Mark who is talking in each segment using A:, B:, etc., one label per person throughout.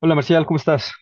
A: Hola Marcial, ¿cómo estás?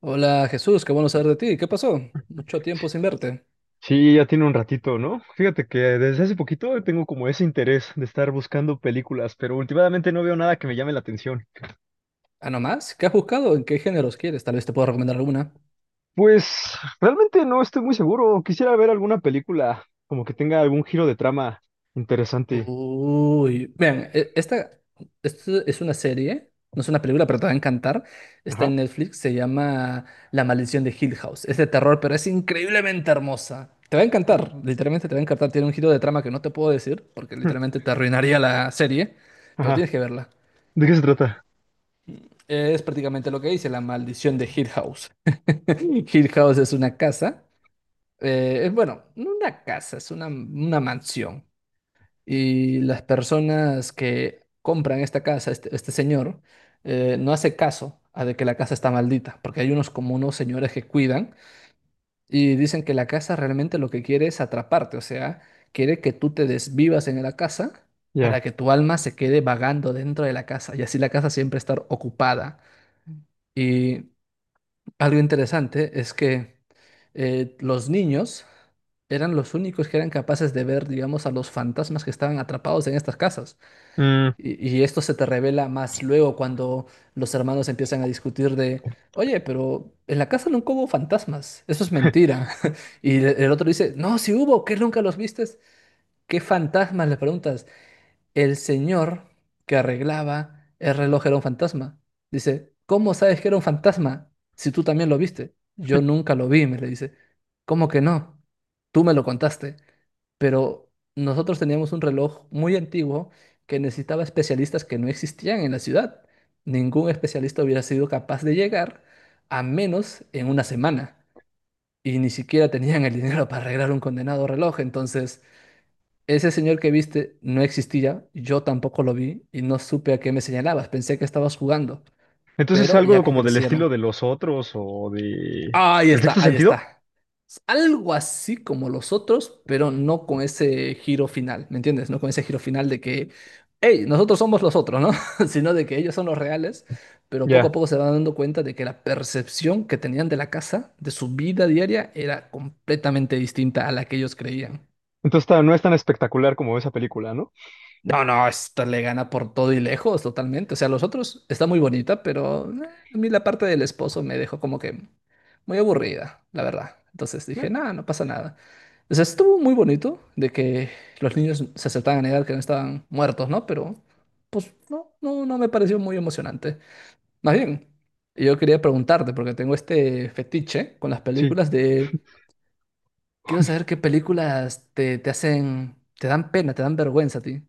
B: Hola Jesús, qué bueno saber de ti. ¿Qué pasó? Mucho tiempo sin verte.
A: Sí, ya tiene un ratito, ¿no? Fíjate que desde hace poquito tengo como ese interés de estar buscando películas, pero últimamente no veo nada que me llame la atención.
B: ¿Ah, no más? ¿Qué has buscado? ¿En qué géneros quieres? Tal vez te puedo recomendar alguna.
A: Pues realmente no estoy muy seguro. Quisiera ver alguna película como que tenga algún giro de trama interesante.
B: Uy, vean, esto es una serie, no es una película, pero te va a encantar. Está
A: Ajá.
B: en Netflix, se llama La maldición de Hill House. Es de terror, pero es increíblemente hermosa. Te va a encantar, literalmente te va a encantar. Tiene un giro de trama que no te puedo decir, porque literalmente te arruinaría la serie, pero
A: Ajá.
B: tienes que verla.
A: ¿De qué se trata?
B: Es prácticamente lo que dice, La maldición de Hill House. Hill House es una casa. Es bueno, no una casa, es una mansión. Y las personas que compran esta casa, este señor, no hace caso a de que la casa está maldita, porque hay unos como unos señores que cuidan y dicen que la casa realmente lo que quiere es atraparte, o sea, quiere que tú te desvivas en la casa para
A: Ya.
B: que tu alma se quede vagando dentro de la casa y así la casa siempre estar ocupada. Y algo interesante es que los niños eran los únicos que eran capaces de ver, digamos, a los fantasmas que estaban atrapados en estas casas.
A: Mm,
B: Y esto se te revela más luego cuando los hermanos empiezan a discutir de, oye, pero en la casa nunca hubo fantasmas, eso es mentira. Y el otro dice, no, sí hubo, ¿qué nunca los vistes? ¿Qué fantasmas? Le preguntas. El señor que arreglaba el reloj era un fantasma. Dice, ¿cómo sabes que era un fantasma si tú también lo viste? Yo nunca lo vi, me le dice. ¿Cómo que no? Tú me lo contaste. Pero nosotros teníamos un reloj muy antiguo que necesitaba especialistas que no existían en la ciudad. Ningún especialista hubiera sido capaz de llegar a menos en una semana. Y ni siquiera tenían el dinero para arreglar un condenado reloj. Entonces... Ese señor que viste no existía, yo tampoco lo vi y no supe a qué me señalabas. Pensé que estabas jugando,
A: entonces
B: pero
A: algo
B: ya que
A: como del
B: crecieron.
A: estilo de los otros o de...
B: Ahí
A: ¿El
B: está,
A: sexto
B: ahí
A: sentido?
B: está. Es algo así como los otros, pero no con ese giro final, ¿me entiendes? No con ese giro final de que, hey, nosotros somos los otros, ¿no? Sino de que ellos son los reales, pero poco a
A: Ya.
B: poco se van dando cuenta de que la percepción que tenían de la casa, de su vida diaria, era completamente distinta a la que ellos creían.
A: Entonces ta- no es tan espectacular como esa película, ¿no?
B: No, no, esta le gana por todo y lejos, totalmente. O sea, los otros está muy bonita, pero a mí la parte del esposo me dejó como que muy aburrida, la verdad. Entonces
A: Eh,
B: dije, nada, no pasa nada. O sea, estuvo muy bonito de que los niños se aceptaban a negar que no estaban muertos, ¿no? Pero, pues, no, no, no me pareció muy emocionante. Más bien, yo quería preguntarte, porque tengo este fetiche con las
A: Sí.
B: películas de, quiero saber qué películas te hacen, te dan pena, te dan vergüenza a ti.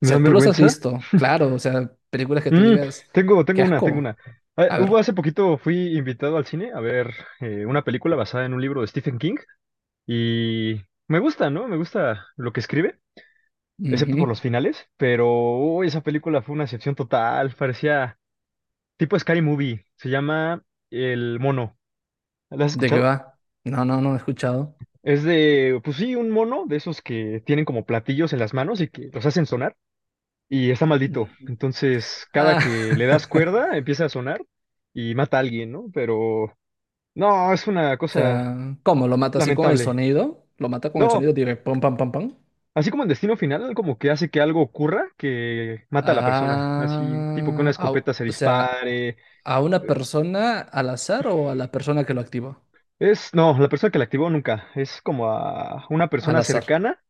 B: O
A: ¿Me da
B: sea, tú los has
A: vergüenza?
B: visto, claro, o sea, películas que tú
A: Mm,
B: digas,
A: tengo,
B: qué
A: tengo una, tengo
B: asco.
A: una. Ah,
B: A
A: hubo
B: ver,
A: hace poquito fui invitado al cine a ver una película basada en un libro de Stephen King y me gusta, ¿no? Me gusta lo que escribe, excepto
B: ujú,
A: por los finales, pero uy, esa película fue una excepción total, parecía tipo Scary Movie, se llama El Mono. ¿La has
B: ¿de qué
A: escuchado?
B: va? No, no, no he escuchado.
A: Es de, pues sí, un mono de esos que tienen como platillos en las manos y que los hacen sonar y está maldito.
B: Ujú.
A: Entonces, cada
B: Ah,
A: que le das cuerda empieza a sonar y mata a alguien, ¿no? Pero no, es una
B: o
A: cosa
B: sea, ¿cómo? ¿Lo mata así con el
A: lamentable.
B: sonido? ¿Lo mata con el
A: No,
B: sonido? Diré, pam, pam, pam, pam.
A: así como en Destino Final, como que hace que algo ocurra que mata a la persona. Así, tipo que una
B: Ah,
A: escopeta se
B: o sea,
A: dispare.
B: ¿a una persona al azar o a la persona que lo activa?
A: Es, no, la persona que la activó nunca. Es como a una
B: Al
A: persona
B: azar.
A: cercana.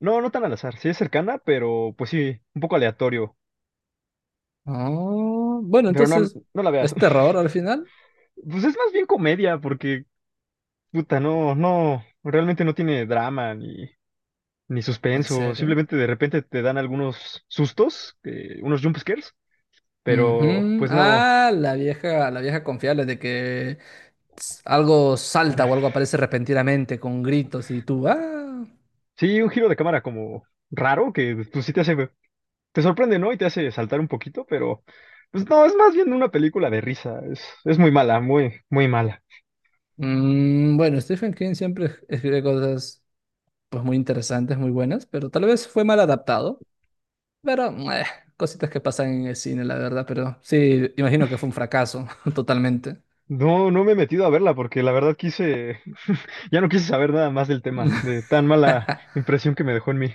A: No, no tan al azar. Sí es cercana, pero pues sí, un poco aleatorio.
B: Ah, bueno,
A: Pero no,
B: entonces,
A: no la veas.
B: ¿es terror al final?
A: Pues es más bien comedia, porque, puta, no, no, realmente no tiene drama ni, ni
B: ¿En
A: suspenso.
B: serio?
A: Simplemente de repente te dan algunos sustos, unos jump scares. Pero
B: Ujú.
A: pues no.
B: Ah, la vieja confiable de que algo salta o algo aparece repentinamente con gritos y tú, ah.
A: Sí, un giro de cámara como raro, que pues sí te hace, te sorprende, ¿no? Y te hace saltar un poquito, pero pues no, es más bien una película de risa. Es muy mala, muy, muy mala.
B: Mm, bueno, Stephen King siempre escribe cosas pues muy interesantes, muy buenas, pero tal vez fue mal adaptado. Pero cositas que pasan en el cine, la verdad, pero sí, imagino que fue un fracaso totalmente.
A: No, no me he metido a verla porque la verdad quise, ya no quise saber nada más del tema, de tan mala impresión que me dejó en mí.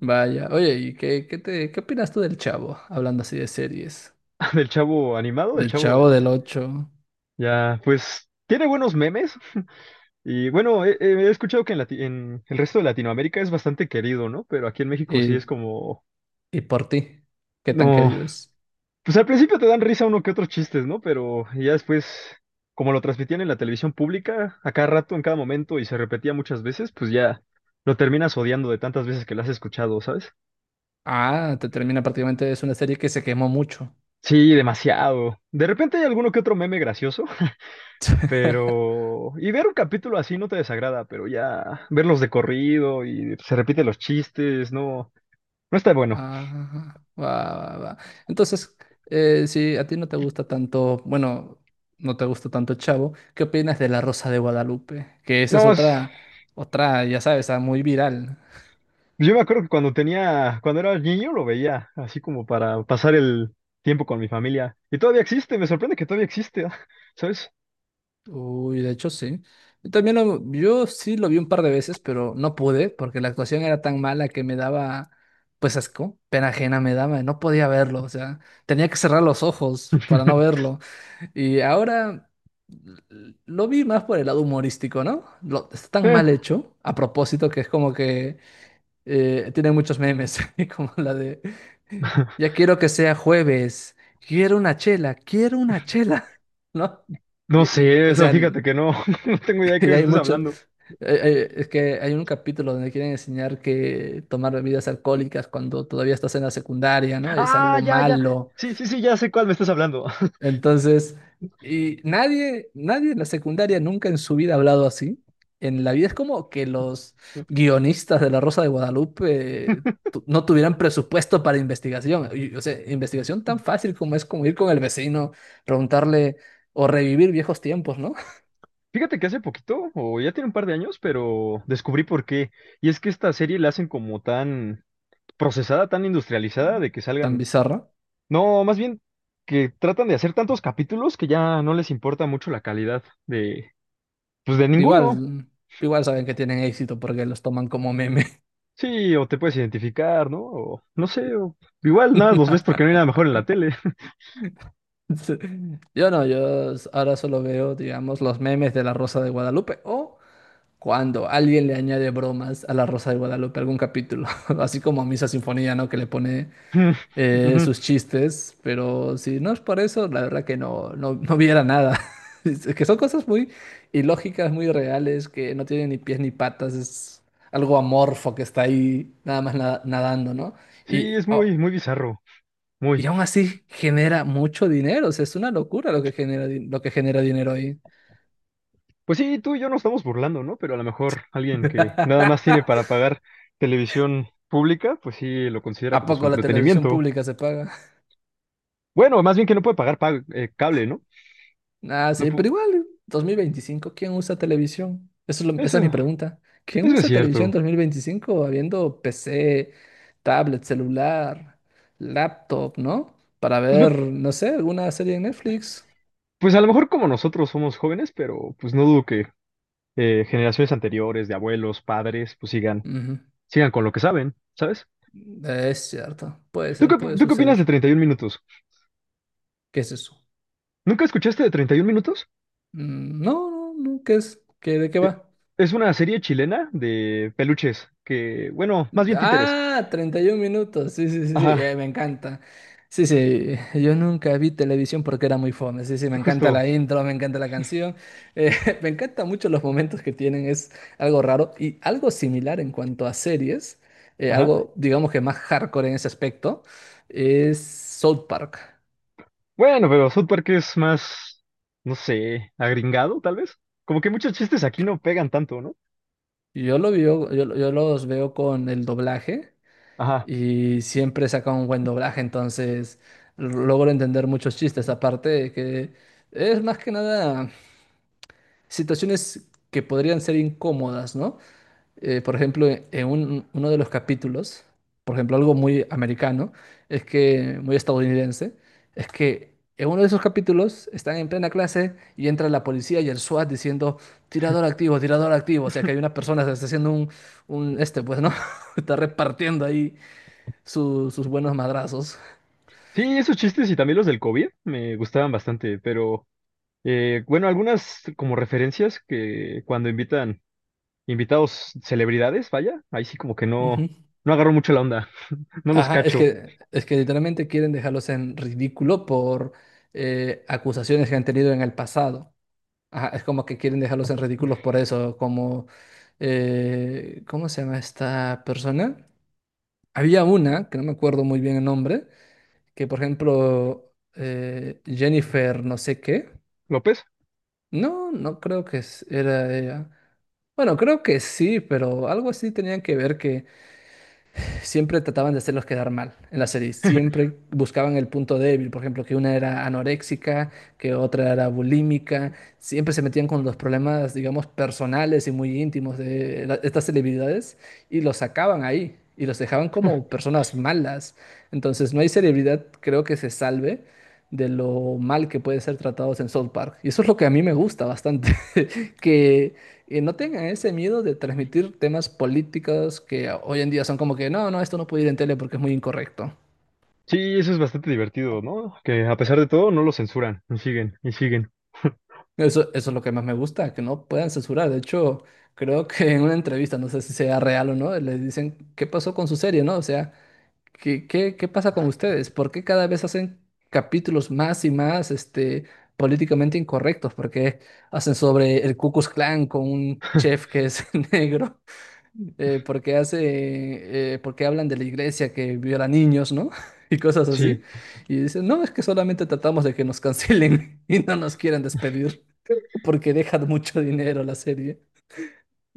B: Vaya, oye, ¿y qué opinas tú del Chavo? Hablando así de series.
A: Del chavo animado, del
B: Del
A: chavo
B: Chavo
A: de,
B: del 8.
A: ya, pues tiene buenos memes. Y bueno, he escuchado que en, Lati- en el resto de Latinoamérica es bastante querido, ¿no? Pero aquí en México sí es como,
B: Y por ti, ¿qué tan
A: no.
B: querido es?
A: Pues al principio te dan risa uno que otros chistes, ¿no? Pero ya después, como lo transmitían en la televisión pública, a cada rato, en cada momento, y se repetía muchas veces, pues ya lo terminas odiando de tantas veces que lo has escuchado, ¿sabes?
B: Ah, te termina prácticamente, es una serie que se quemó mucho.
A: Sí, demasiado. De repente hay alguno que otro meme gracioso, pero... Y ver un capítulo así no te desagrada, pero ya verlos de corrido y se repiten los chistes, no, no está bueno.
B: Ah, va, va, va. Entonces, si a ti no te gusta tanto, bueno, no te gusta tanto Chavo, ¿qué opinas de La Rosa de Guadalupe? Que esa es
A: No, es...
B: otra, ya sabes, ah, muy viral.
A: Yo me acuerdo que cuando tenía, cuando era niño lo veía, así como para pasar el tiempo con mi familia. Y todavía existe, me sorprende que todavía existe, ¿sabes?
B: Uy, de hecho sí. Yo sí lo vi un par de veces, pero no pude porque la actuación era tan mala que me daba, pues asco, pena ajena me daba, no podía verlo, o sea, tenía que cerrar los ojos para no verlo. Y ahora lo vi más por el lado humorístico, ¿no? Está tan
A: Eh,
B: mal hecho, a propósito, que es como que tiene muchos memes, y como la de, ya quiero que sea jueves, quiero una chela, ¿no? Y-
A: no sé,
B: o
A: eso
B: sea...
A: fíjate que no, no tengo idea de qué
B: Y
A: me
B: hay
A: estás
B: muchos,
A: hablando.
B: es que hay un capítulo donde quieren enseñar que tomar bebidas alcohólicas cuando todavía estás en la secundaria, ¿no? Es
A: Ah,
B: algo
A: ya, ya.
B: malo.
A: Sí, sí, sí, ya sé cuál me estás hablando.
B: Entonces, y nadie, nadie en la secundaria nunca en su vida ha hablado así. En la vida es como que los guionistas de La Rosa de Guadalupe no tuvieran presupuesto para investigación. Y, o sea, investigación tan fácil como es como ir con el vecino, preguntarle o revivir viejos tiempos, ¿no?
A: Fíjate que hace poquito, o ya tiene un par de años, pero descubrí por qué. Y es que esta serie la hacen como tan procesada, tan industrializada, de que
B: Tan
A: salgan...
B: bizarro.
A: No, más bien que tratan de hacer tantos capítulos que ya no les importa mucho la calidad de, pues de ninguno.
B: Igual, igual saben que tienen éxito porque los toman como meme.
A: Sí, o te puedes identificar, ¿no? O no sé, o igual nada, los ves porque no hay nada mejor en la tele.
B: Sí. Yo no, yo s- Ahora solo veo, digamos, los memes de La Rosa de Guadalupe o cuando alguien le añade bromas a La Rosa de Guadalupe algún capítulo, así como a Misa Sinfonía, ¿no? Que le pone
A: Ujú.
B: sus chistes, pero si no es por eso, la verdad que no, no, no viera nada. Es que son cosas muy ilógicas, muy reales, que no tienen ni pies ni patas, es algo amorfo que está ahí nada más nadando, ¿no? Y,
A: Sí, es
B: oh,
A: muy, muy bizarro, muy.
B: y aún así genera mucho dinero, o sea, es una locura lo que genera, lo que genera dinero ahí.
A: Pues sí, tú y yo nos estamos burlando, ¿no? Pero a lo mejor alguien que nada más tiene para pagar televisión pública, pues sí lo considera
B: ¿A
A: como su
B: poco la televisión
A: entretenimiento.
B: pública se paga?
A: Bueno, más bien que no puede pagar pa- cable, ¿no?
B: Ah,
A: No
B: sí,
A: pu-,
B: pero igual, 2025, ¿quién usa televisión? Eso es esa es mi
A: Eso,
B: pregunta. ¿Quién
A: eso es
B: usa televisión en
A: cierto.
B: 2025 habiendo PC, tablet, celular, laptop, ¿no? Para
A: Pues me...
B: ver, no sé, alguna serie en Netflix.
A: Pues a lo mejor como nosotros somos jóvenes, pero pues no dudo que generaciones anteriores, de abuelos, padres, pues sigan,
B: Ujú.
A: sigan con lo que saben, ¿sabes?
B: Es cierto, puede
A: ¿Tú qué,
B: ser,
A: op-
B: puede
A: tú qué opinas de
B: suceder.
A: 31 minutos?
B: ¿Qué es eso?
A: ¿Nunca escuchaste de 31 minutos?
B: Mm, no, no, no, ¿qué es? ¿ De qué
A: Eh,
B: va?
A: es una serie chilena de peluches que, bueno, más bien títeres.
B: Ah, 31 minutos. Sí, sí, sí, sí,
A: Ajá,
B: me encanta. Sí, sí, yo nunca vi televisión porque era muy fome. Sí, sí, me encanta
A: justo.
B: la intro, me encanta la canción. eh, Me encantan mucho los momentos que tienen, es algo raro y algo similar en cuanto a series,
A: Ajá.
B: algo digamos que más hardcore en ese aspecto, es South Park.
A: Bueno, pero South Park es más, no sé, agringado, tal vez. Como que muchos chistes aquí no pegan tanto, ¿no?
B: Yo lo veo, yo los veo con el doblaje.
A: Ajá.
B: Y siempre saca un buen doblaje, entonces logro entender muchos chistes, aparte de que es más que nada situaciones que podrían ser incómodas, ¿no? Por ejemplo, uno de los capítulos, por ejemplo, algo muy americano, es que, muy estadounidense, es que en uno de esos capítulos están en plena clase y entra la policía y el SWAT diciendo, tirador activo, o sea que hay una persona que está haciendo un, este, pues, ¿no? Está repartiendo ahí sus buenos madrazos.
A: Sí, esos chistes y también los del COVID me gustaban bastante, pero... Bueno, algunas como referencias que cuando invitan invitados celebridades, vaya, ahí sí como que no,
B: Ujú.
A: no agarro mucho la onda, no los
B: Ajá, es
A: cacho.
B: que, es que literalmente quieren dejarlos en ridículo por acusaciones que han tenido en el pasado. Ajá, es como que quieren dejarlos en ridículos por eso, como, ¿cómo se llama esta persona? Había una, que no me acuerdo muy bien el nombre, que por ejemplo, Jennifer no sé qué.
A: ¿López?
B: No, no creo que era ella. Bueno, creo que sí, pero algo así tenían que ver que siempre trataban de hacerlos quedar mal en la serie. Siempre buscaban el punto débil. Por ejemplo, que una era anoréxica, que otra era bulímica. Siempre se metían con los problemas, digamos, personales y muy íntimos de estas celebridades y los sacaban ahí y los dejaban como personas malas. Entonces, no hay celebridad, creo que se salve de lo mal que pueden ser tratados en South Park. Y eso es lo que a mí me gusta bastante, que y no tengan ese miedo de transmitir temas políticos que hoy en día son como que, no, no, esto no puede ir en tele porque es muy incorrecto.
A: Sí, eso es bastante divertido, ¿no? Que a pesar de todo no lo censuran, y siguen, y siguen.
B: Eso es lo que más me gusta, que no puedan censurar. De hecho, creo que en una entrevista, no sé si sea real o no, les dicen, ¿qué pasó con su serie, no? O sea, ¿qué pasa con ustedes? ¿Por qué cada vez hacen capítulos más y más, políticamente incorrectos? ¿Por qué hacen sobre el Ku Klux Klan con un chef que es negro? Porque hablan de la iglesia que viola niños, ¿no? Y cosas
A: Sí,
B: así. Y dicen, no, es que solamente tratamos de que nos cancelen y no nos quieran despedir, porque dejan mucho dinero la serie.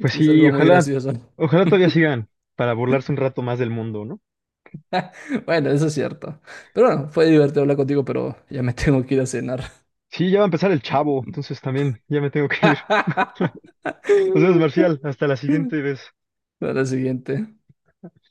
A: pues
B: es
A: sí,
B: algo muy
A: ojalá,
B: gracioso.
A: ojalá todavía sigan para burlarse un rato más del mundo, ¿no?
B: Bueno, eso es cierto. Pero bueno, fue divertido hablar contigo, pero ya me tengo que ir a cenar.
A: Sí, ya va a empezar el chavo, entonces también ya me tengo que ir. Nos vemos, Marcial, hasta la siguiente vez.
B: Para la siguiente.